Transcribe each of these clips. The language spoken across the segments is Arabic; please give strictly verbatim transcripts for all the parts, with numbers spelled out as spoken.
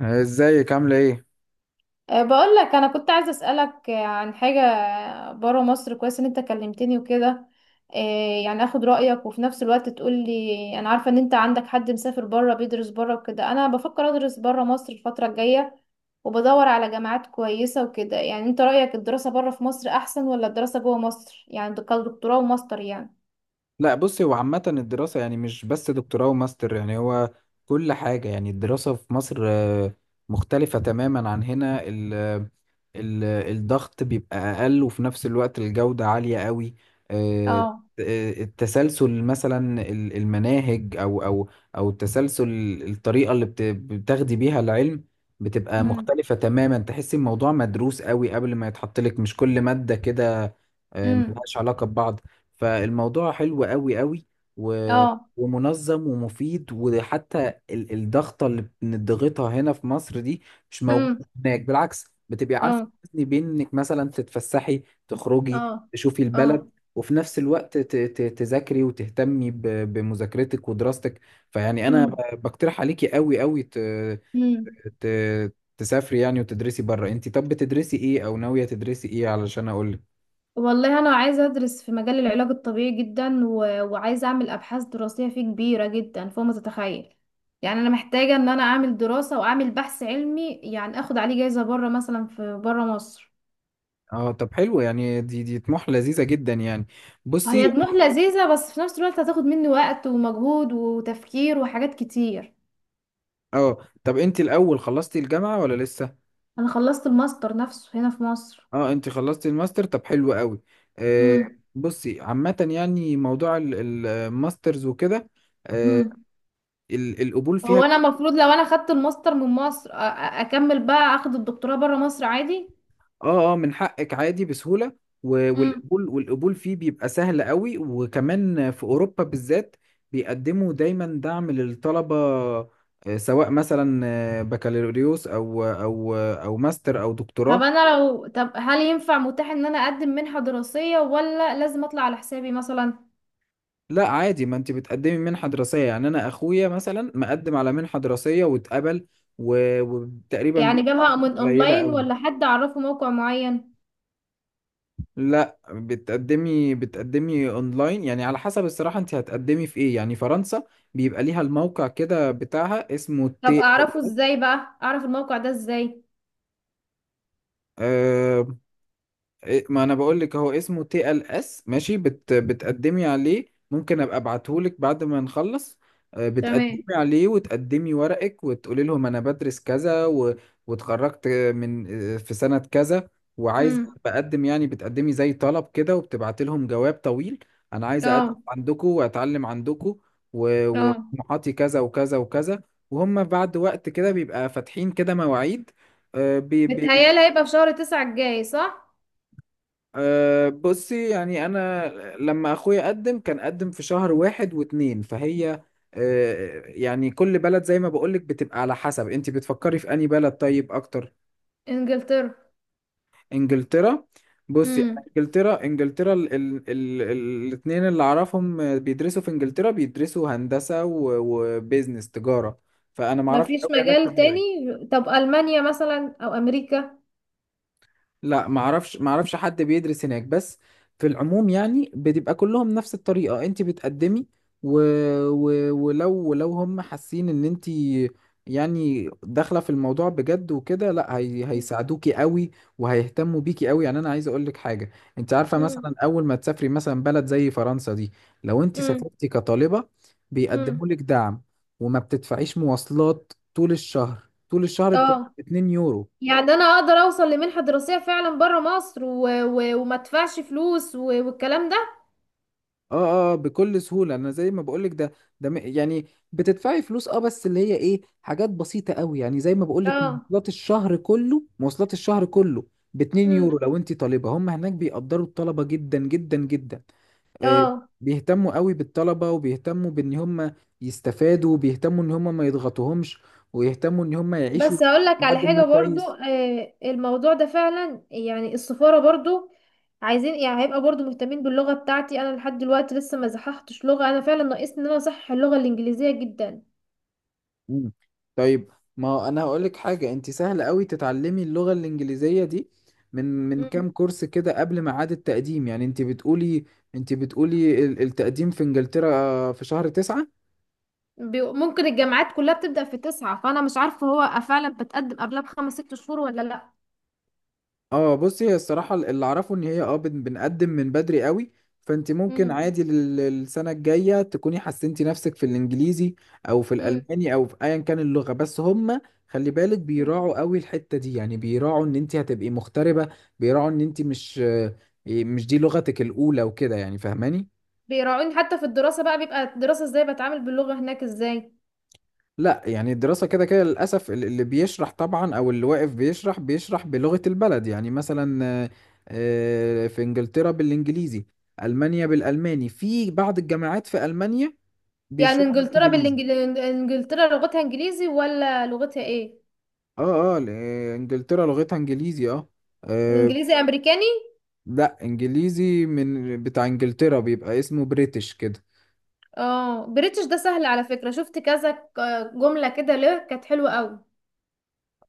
ازيك عاملة ايه؟ أه، بقول لك انا كنت عايزه اسالك أه، عن حاجه بره مصر. كويس ان انت كلمتني وكده. أه، يعني اخد رايك، وفي نفس الوقت تقول لي، انا عارفه ان انت عندك حد مسافر بره بيدرس بره وكده. انا بفكر ادرس بره مصر الفتره الجايه، وبدور على جامعات كويسه وكده. يعني انت رايك الدراسه بره في مصر احسن ولا الدراسه جوه مصر؟ يعني ده كدكتوراه وماستر يعني. لا بصي، هو عامة الدراسة يعني مش بس دكتوراه وماستر. يعني هو كل حاجة، يعني الدراسة في مصر آه، مختلفة تماما عن هنا. ال ال الضغط بيبقى أقل، وفي نفس الوقت الجودة عالية قوي. آه، اه. آه، التسلسل مثلا، ال- المناهج، أو أو أو التسلسل، الطريقة اللي بت- بتاخدي بيها العلم بتبقى امم. مختلفة تماما. تحسي الموضوع مدروس قوي قبل ما يتحط لك، مش كل مادة كده آه، امم. ملهاش علاقة ببعض. فالموضوع حلو قوي قوي و... اه. ومنظم ومفيد. وحتى ال- الضغطة اللي بنضغطها هنا في مصر دي مش موجودة امم. هناك. بالعكس، بتبقي عارفة اه. توازني بين انك مثلا تتفسحي، تخرجي، اه. تشوفي اه. البلد، وفي نفس الوقت ت- ت- تذاكري وتهتمي ب- بمذاكرتك ودراستك. فيعني انا ب- بقترح عليكي قوي قوي ت... امم. ت... تسافري يعني وتدرسي بره. انت طب بتدرسي ايه او ناوية تدرسي ايه علشان اقول؟ والله انا عايزه ادرس في مجال العلاج الطبيعي جدا، و... وعايزه اعمل ابحاث دراسيه فيه كبيره جدا فوق ما تتخيل. يعني انا محتاجه ان انا اعمل دراسه واعمل بحث علمي، يعني اخد عليه جايزه بره، مثلا في بره مصر. اه طب حلو، يعني دي دي طموح لذيذة جدا يعني. هي بصي، طموح لذيذه، بس في نفس الوقت هتاخد مني وقت ومجهود وتفكير وحاجات كتير. اه طب انت الاول خلصتي الجامعة ولا لسه؟ انا خلصت الماستر نفسه هنا في مصر. اه انت خلصتي الماستر، طب حلو قوي. آه. امم. بصي عامة يعني موضوع ال- ال- الماسترز وكده، آه، امم. ال- القبول هو فيها، انا المفروض لو انا خدت الماستر من مصر أ... أ- اكمل بقى اخد الدكتوراه بره مصر عادي. اه اه من حقك عادي بسهولة. و- والقبول، والقبول فيه بيبقى سهل قوي، وكمان في اوروبا بالذات بيقدموا دايما دعم للطلبة. آه، سواء مثلا آه، بكالوريوس او او او ماستر او طب دكتوراه. انا لو طب هل ينفع متاح ان انا اقدم منحة دراسية، ولا لازم اطلع على حسابي مثلا؟ لا عادي، ما انت بتقدمي منحة دراسية. يعني انا اخويا مثلا مقدم على منحة دراسية واتقبل، و- وتقريبا يعني بيدفع جابها فلوس من قليلة اونلاين، قوي. ولا حد اعرفه موقع معين؟ لا بتقدمي بتقدمي اونلاين، يعني على حسب. الصراحة انت هتقدمي في ايه؟ يعني فرنسا بيبقى ليها الموقع كده بتاعها، اسمه طب تي. اعرفه ازاي بقى، اعرف الموقع ده ازاي؟ إيه، ما انا بقول لك، هو اسمه تي ال اس. ماشي؟ بت بتقدمي عليه، ممكن ابقى ابعته لك بعد ما نخلص. آه، تمام. بتقدمي عليه وتقدمي ورقك وتقولي لهم انا بدرس كذا و... واتخرجت من آه، في سنة كذا، وعايز امم. بقدم. يعني بتقدمي زي طلب كده، وبتبعتي لهم جواب طويل، انا عايز اقدم اه. عندكم واتعلم عندكم، و- اه. وطموحاتي كذا وكذا وكذا. وهم بعد وقت كده بيبقى فاتحين كده مواعيد. بتهيالي هيبقى في شهر تسعة الجاي، صح؟ أه بصي، يعني أنا لما أخويا قدم كان قدم في شهر واحد واتنين. فهي أه، يعني كل بلد زي ما بقولك بتبقى على حسب. أنت بتفكري في أنهي بلد طيب أكتر؟ انجلترا. إنجلترا. بصي أنا، امم. إنجلترا، إنجلترا ال ال ال الاتنين اللي أعرفهم بيدرسوا في إنجلترا بيدرسوا هندسة و- وبيزنس، تجارة. فأنا معرفش أوي مفيش علاج مجال تاني؟ طبيعي. طب المانيا مثلا او امريكا؟ لا معرفش معرفش حد بيدرس هناك. بس في العموم يعني بتبقى كلهم نفس الطريقة، انت بتقدمي و... و... ولو، ولو هم حاسين ان انت يعني داخلة في الموضوع بجد وكده، لا هي... هيساعدوكي قوي وهيهتموا بيكي قوي. يعني انا عايز اقولك حاجة، انت عارفة امم. مثلا اول ما تسافري مثلا بلد زي فرنسا دي، لو انت امم. سافرتي كطالبة امم. بيقدموا لك دعم. وما بتدفعيش مواصلات طول الشهر، طول الشهر بتبقى اه. اتنين يورو. يعني انا اقدر اوصل لمنحة دراسية فعلا بره مصر، و... و... وما ادفعش فلوس و... والكلام ده؟ اه اه بكل سهولة. انا زي ما بقولك، ده ده م- يعني بتدفعي فلوس اه، بس اللي هي ايه، حاجات بسيطة قوي يعني. زي ما بقولك، اه. مواصلات الشهر كله، مواصلات الشهر كله ب اتنين يورو امم. لو انت طالبة. هم هناك بيقدروا الطلبة جدا جدا جدا. آه. اه. بيهتموا قوي بالطلبة، وبيهتموا بان هم يستفادوا، وبيهتموا ان هم ما يضغطوهمش، ويهتموا ان هم يعيشوا بس هقول لك على لحد ما حاجة برضو، كويس. آه الموضوع ده فعلا يعني السفارة برضو عايزين، يعني هيبقى برضو مهتمين باللغة بتاعتي. انا لحد دلوقتي لسه ما صححتش لغة، انا فعلا ناقصني ان انا اصحح اللغة الانجليزية جدا. مم. طيب، ما انا هقول لك حاجه، انت سهل قوي تتعلمي اللغه الانجليزيه دي، من من مم. كام كورس كده قبل ميعاد التقديم. يعني انت بتقولي، انت بتقولي ال- التقديم في انجلترا في شهر تسعة. بي- ممكن الجامعات كلها بتبدأ في تسعة، فانا مش عارفة هو فعلا بتقدم قبلها بخمس ست شهور ولا لا. اه بصي، هي الصراحة اللي اعرفه ان هي اه بن- بنقدم من بدري قوي. فانت ممكن مم. عادي لل- للسنة الجاية تكوني حسنتي نفسك في الانجليزي او في الالماني او في ايا كان اللغة. بس هم خلي بالك مم. بيراعوا قوي الحتة دي. يعني بيراعوا ان انت هتبقي مغتربة، بيراعوا ان انت مش مش دي لغتك الاولى وكده، يعني فاهماني؟ بيراعوني حتى في الدراسة بقى؟ بيبقى الدراسة ازاي؟ بتعامل باللغة هناك ازاي؟ لا يعني الدراسة كده كده للأسف ال- اللي بيشرح طبعا، أو اللي واقف بيشرح بيشرح بلغة البلد. يعني مثلا آه، آه، في إنجلترا بالإنجليزي، ألمانيا بالألماني. في بعض الجامعات في ألمانيا يعني بيشرحوا انجلترا بالإنجليزي. بالانجل، انجلترا لغتها انجليزي ولا لغتها ايه؟ اه اه، ل- آه، إنجلترا لغتها إنجليزي اه. آه. انجليزي امريكاني؟ لا إنجليزي من بتاع إنجلترا، بيبقى اسمه بريتش كده. اه، بريتش ده سهل على فكرة، شفت كذا ك- جملة كده له كانت حلوة قوي.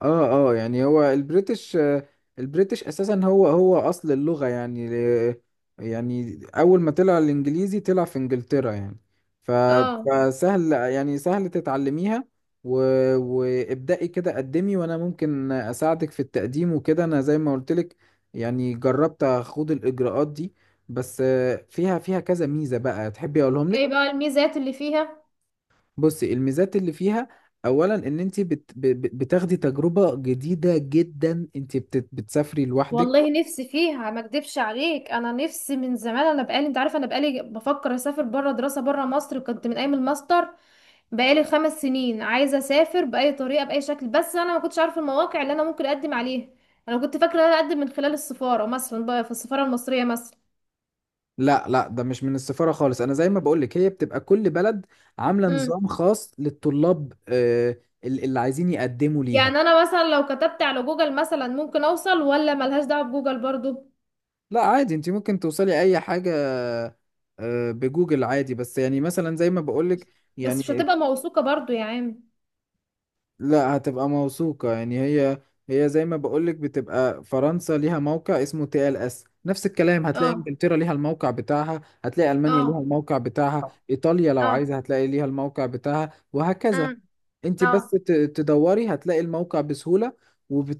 اه اه، يعني هو البريتش آه، البريتش اساسا هو هو اصل اللغة. يعني ل- يعني اول ما طلع الانجليزي طلع في انجلترا يعني. ف- اه. فسهل، يعني سهل تتعلميها. و... وابدأي كده قدمي، وانا ممكن اساعدك في التقديم وكده. انا زي ما قلت لك، يعني جربت اخوض الاجراءات دي، بس آه، فيها، فيها كذا ميزة بقى، تحبي اقولهم ايه لك؟ بقى الميزات اللي فيها؟ بصي، الميزات اللي فيها اولا ان انت بت... ب- ب- بتاخدي تجربه جديده جدا، انت بت... بتسافري لوحدك. والله نفسي فيها، ما اكدبش عليك، انا نفسي من زمان، انا بقالي انت عارفه، انا بقالي بفكر اسافر بره دراسه بره مصر، وكنت من ايام الماستر بقالي خمس سنين عايزه اسافر باي طريقه باي شكل. بس انا ما كنتش عارفه المواقع اللي انا ممكن اقدم عليها. انا كنت فاكره ان انا اقدم من خلال السفاره، مثلا بقى في السفاره المصريه مثلا. لا لا ده مش من السفاره خالص، انا زي ما بقولك هي بتبقى كل بلد عامله امم. نظام خاص للطلاب آه، ال- اللي عايزين يقدموا ليها. يعني انا مثلا لو كتبت على جوجل مثلا ممكن اوصل، ولا ملهاش دعوه بجوجل برضو؟ لا عادي، انت ممكن توصلي اي حاجه آه، بجوجل عادي. بس يعني مثلا زي ما بقولك بس مش يعني. هتبقى موثوقه برضو يا عم. لا هتبقى موثوقة، يعني هي، هي زي ما بقولك بتبقى فرنسا ليها موقع اسمه تي ال اس، نفس الكلام هتلاقي اه. انجلترا ليها الموقع بتاعها، هتلاقي المانيا ليها اه. الموقع بتاعها، ايطاليا لو اه. عايزة هتلاقي ليها الموقع بتاعها، وهكذا. امم. انت اه. بس ت- تدوري هتلاقي الموقع بسهولة،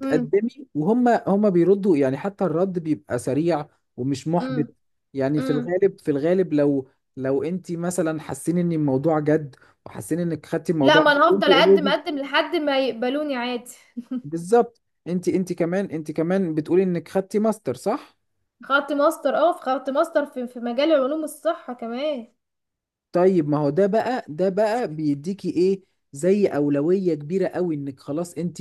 امم. وهم هم بيردوا. يعني حتى الرد بيبقى سريع ومش محبط. امم. يعني في امم. الغالب، في الغالب لو، لو انت مثلا حاسين ان الموضوع جد، وحاسين انك خدتي لا، الموضوع ما جد، انا وانت هفضل اقدم already. اقدم لحد ما يقبلوني عادي. بالظبط. انت انت كمان انت كمان بتقولي انك خدتي ماستر صح؟ خدت ماستر، اه، في خدت ماستر في في مجال علوم الصحه كمان. طيب ما هو ده بقى، ده بقى بيديكي ايه زي اولوية كبيرة قوي، انك خلاص انت،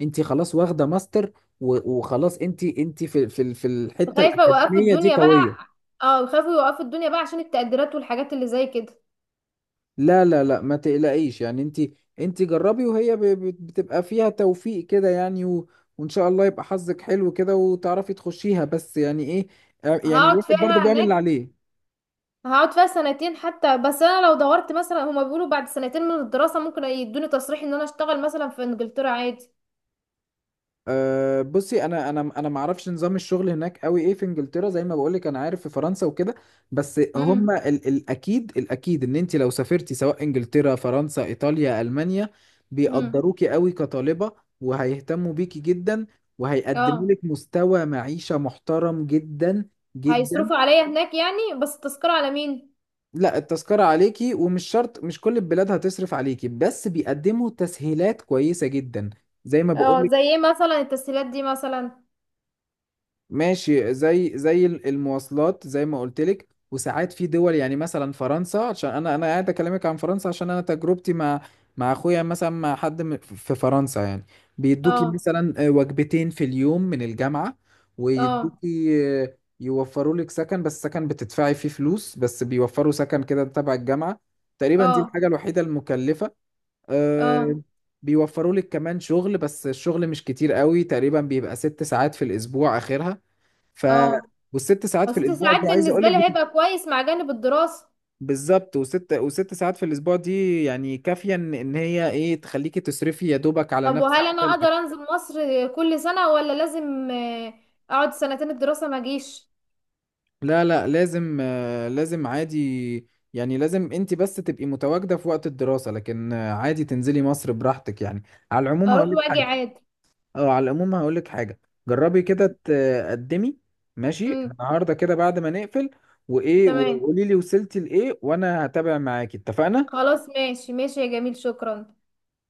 انت خلاص واخدة ماستر، و- وخلاص انت، انت في في ال- في الحتة خايفة يوقفوا الأكاديمية دي الدنيا بقى. قوية. اه، خايفوا يوقفوا الدنيا بقى عشان التقديرات والحاجات اللي زي كده. لا لا لا ما تقلقيش، يعني انت، انت جربي، وهي ب- ب- بتبقى فيها توفيق كده يعني، و وان شاء الله يبقى حظك حلو كده وتعرفي تخشيها. بس يعني ايه، يعني هقعد الواحد برضه فيها بيعمل اللي هناك، عليه. هقعد فيها سنتين حتى. بس انا لو دورت مثلا، هما بيقولوا بعد سنتين من الدراسة ممكن يدوني تصريح ان انا اشتغل مثلا في انجلترا عادي. أه بصي، انا انا انا ما اعرفش نظام الشغل هناك قوي ايه في انجلترا. زي ما بقولك انا عارف في فرنسا وكده. بس امم. هم ال الاكيد، الاكيد ان انت لو سافرتي سواء انجلترا، فرنسا، ايطاليا، المانيا، امم. بيقدروكي قوي كطالبة، وهيهتموا بيكي جدا، وهيقدموا اه. لك مستوى معيشة محترم جدا جدا. هيصرفوا عليا هناك يعني، بس التذكرة على مين؟ لا التذكرة عليكي، ومش شرط مش كل البلاد هتصرف عليكي، بس بيقدموا تسهيلات كويسة جدا زي ما اه، بقولك. زي ايه مثلا التسهيلات دي مثلا؟ ماشي، زي زي ال- المواصلات زي ما قلت لك. وساعات في دول يعني، مثلا فرنسا، عشان انا انا قاعد اكلمك عن فرنسا عشان انا تجربتي مع، مع اخويا مثلا، مع حد م- في فرنسا يعني. بيدوكي اه. مثلا آه، وجبتين في اليوم من الجامعة، اه. ويدوكي آه، يوفروا لك سكن، بس سكن بتدفعي فيه فلوس، بس بيوفروا سكن كده تبع الجامعة. تقريبا دي اه. الحاجة الوحيدة المكلفة آه، اه. بيوفروا لك كمان شغل، بس الشغل مش كتير قوي. تقريبا بيبقى ست ساعات في الأسبوع آخرها. ف اه. والست ساعات بس في ست الاسبوع ساعات دي عايز اقول بالنسبة لك لي بت... هيبقى كويس مع جانب الدراسة. بالظبط. وست، وست ساعات في الاسبوع دي يعني كافيه ان إن هي ايه تخليكي تصرفي يا دوبك على طب نفسك وهل انا كده، اقدر الاكل. انزل مصر كل سنة، ولا لازم آه، اقعد سنتين الدراسة ما اجيش؟ لا لا لازم آه، لازم عادي، يعني لازم انت بس تبقي متواجده في وقت الدراسه. لكن آه، عادي تنزلي مصر براحتك يعني. على العموم اروح هقول لك واجي حاجه، عادي. اه على العموم هقول لك حاجه، جربي كده تقدمي ماشي امم. النهارده كده بعد ما نقفل، وايه تمام. وقولي لي وصلتي لايه، وانا هتابع معاكي، اتفقنا؟ خلاص ماشي ماشي يا جميل، شكرا.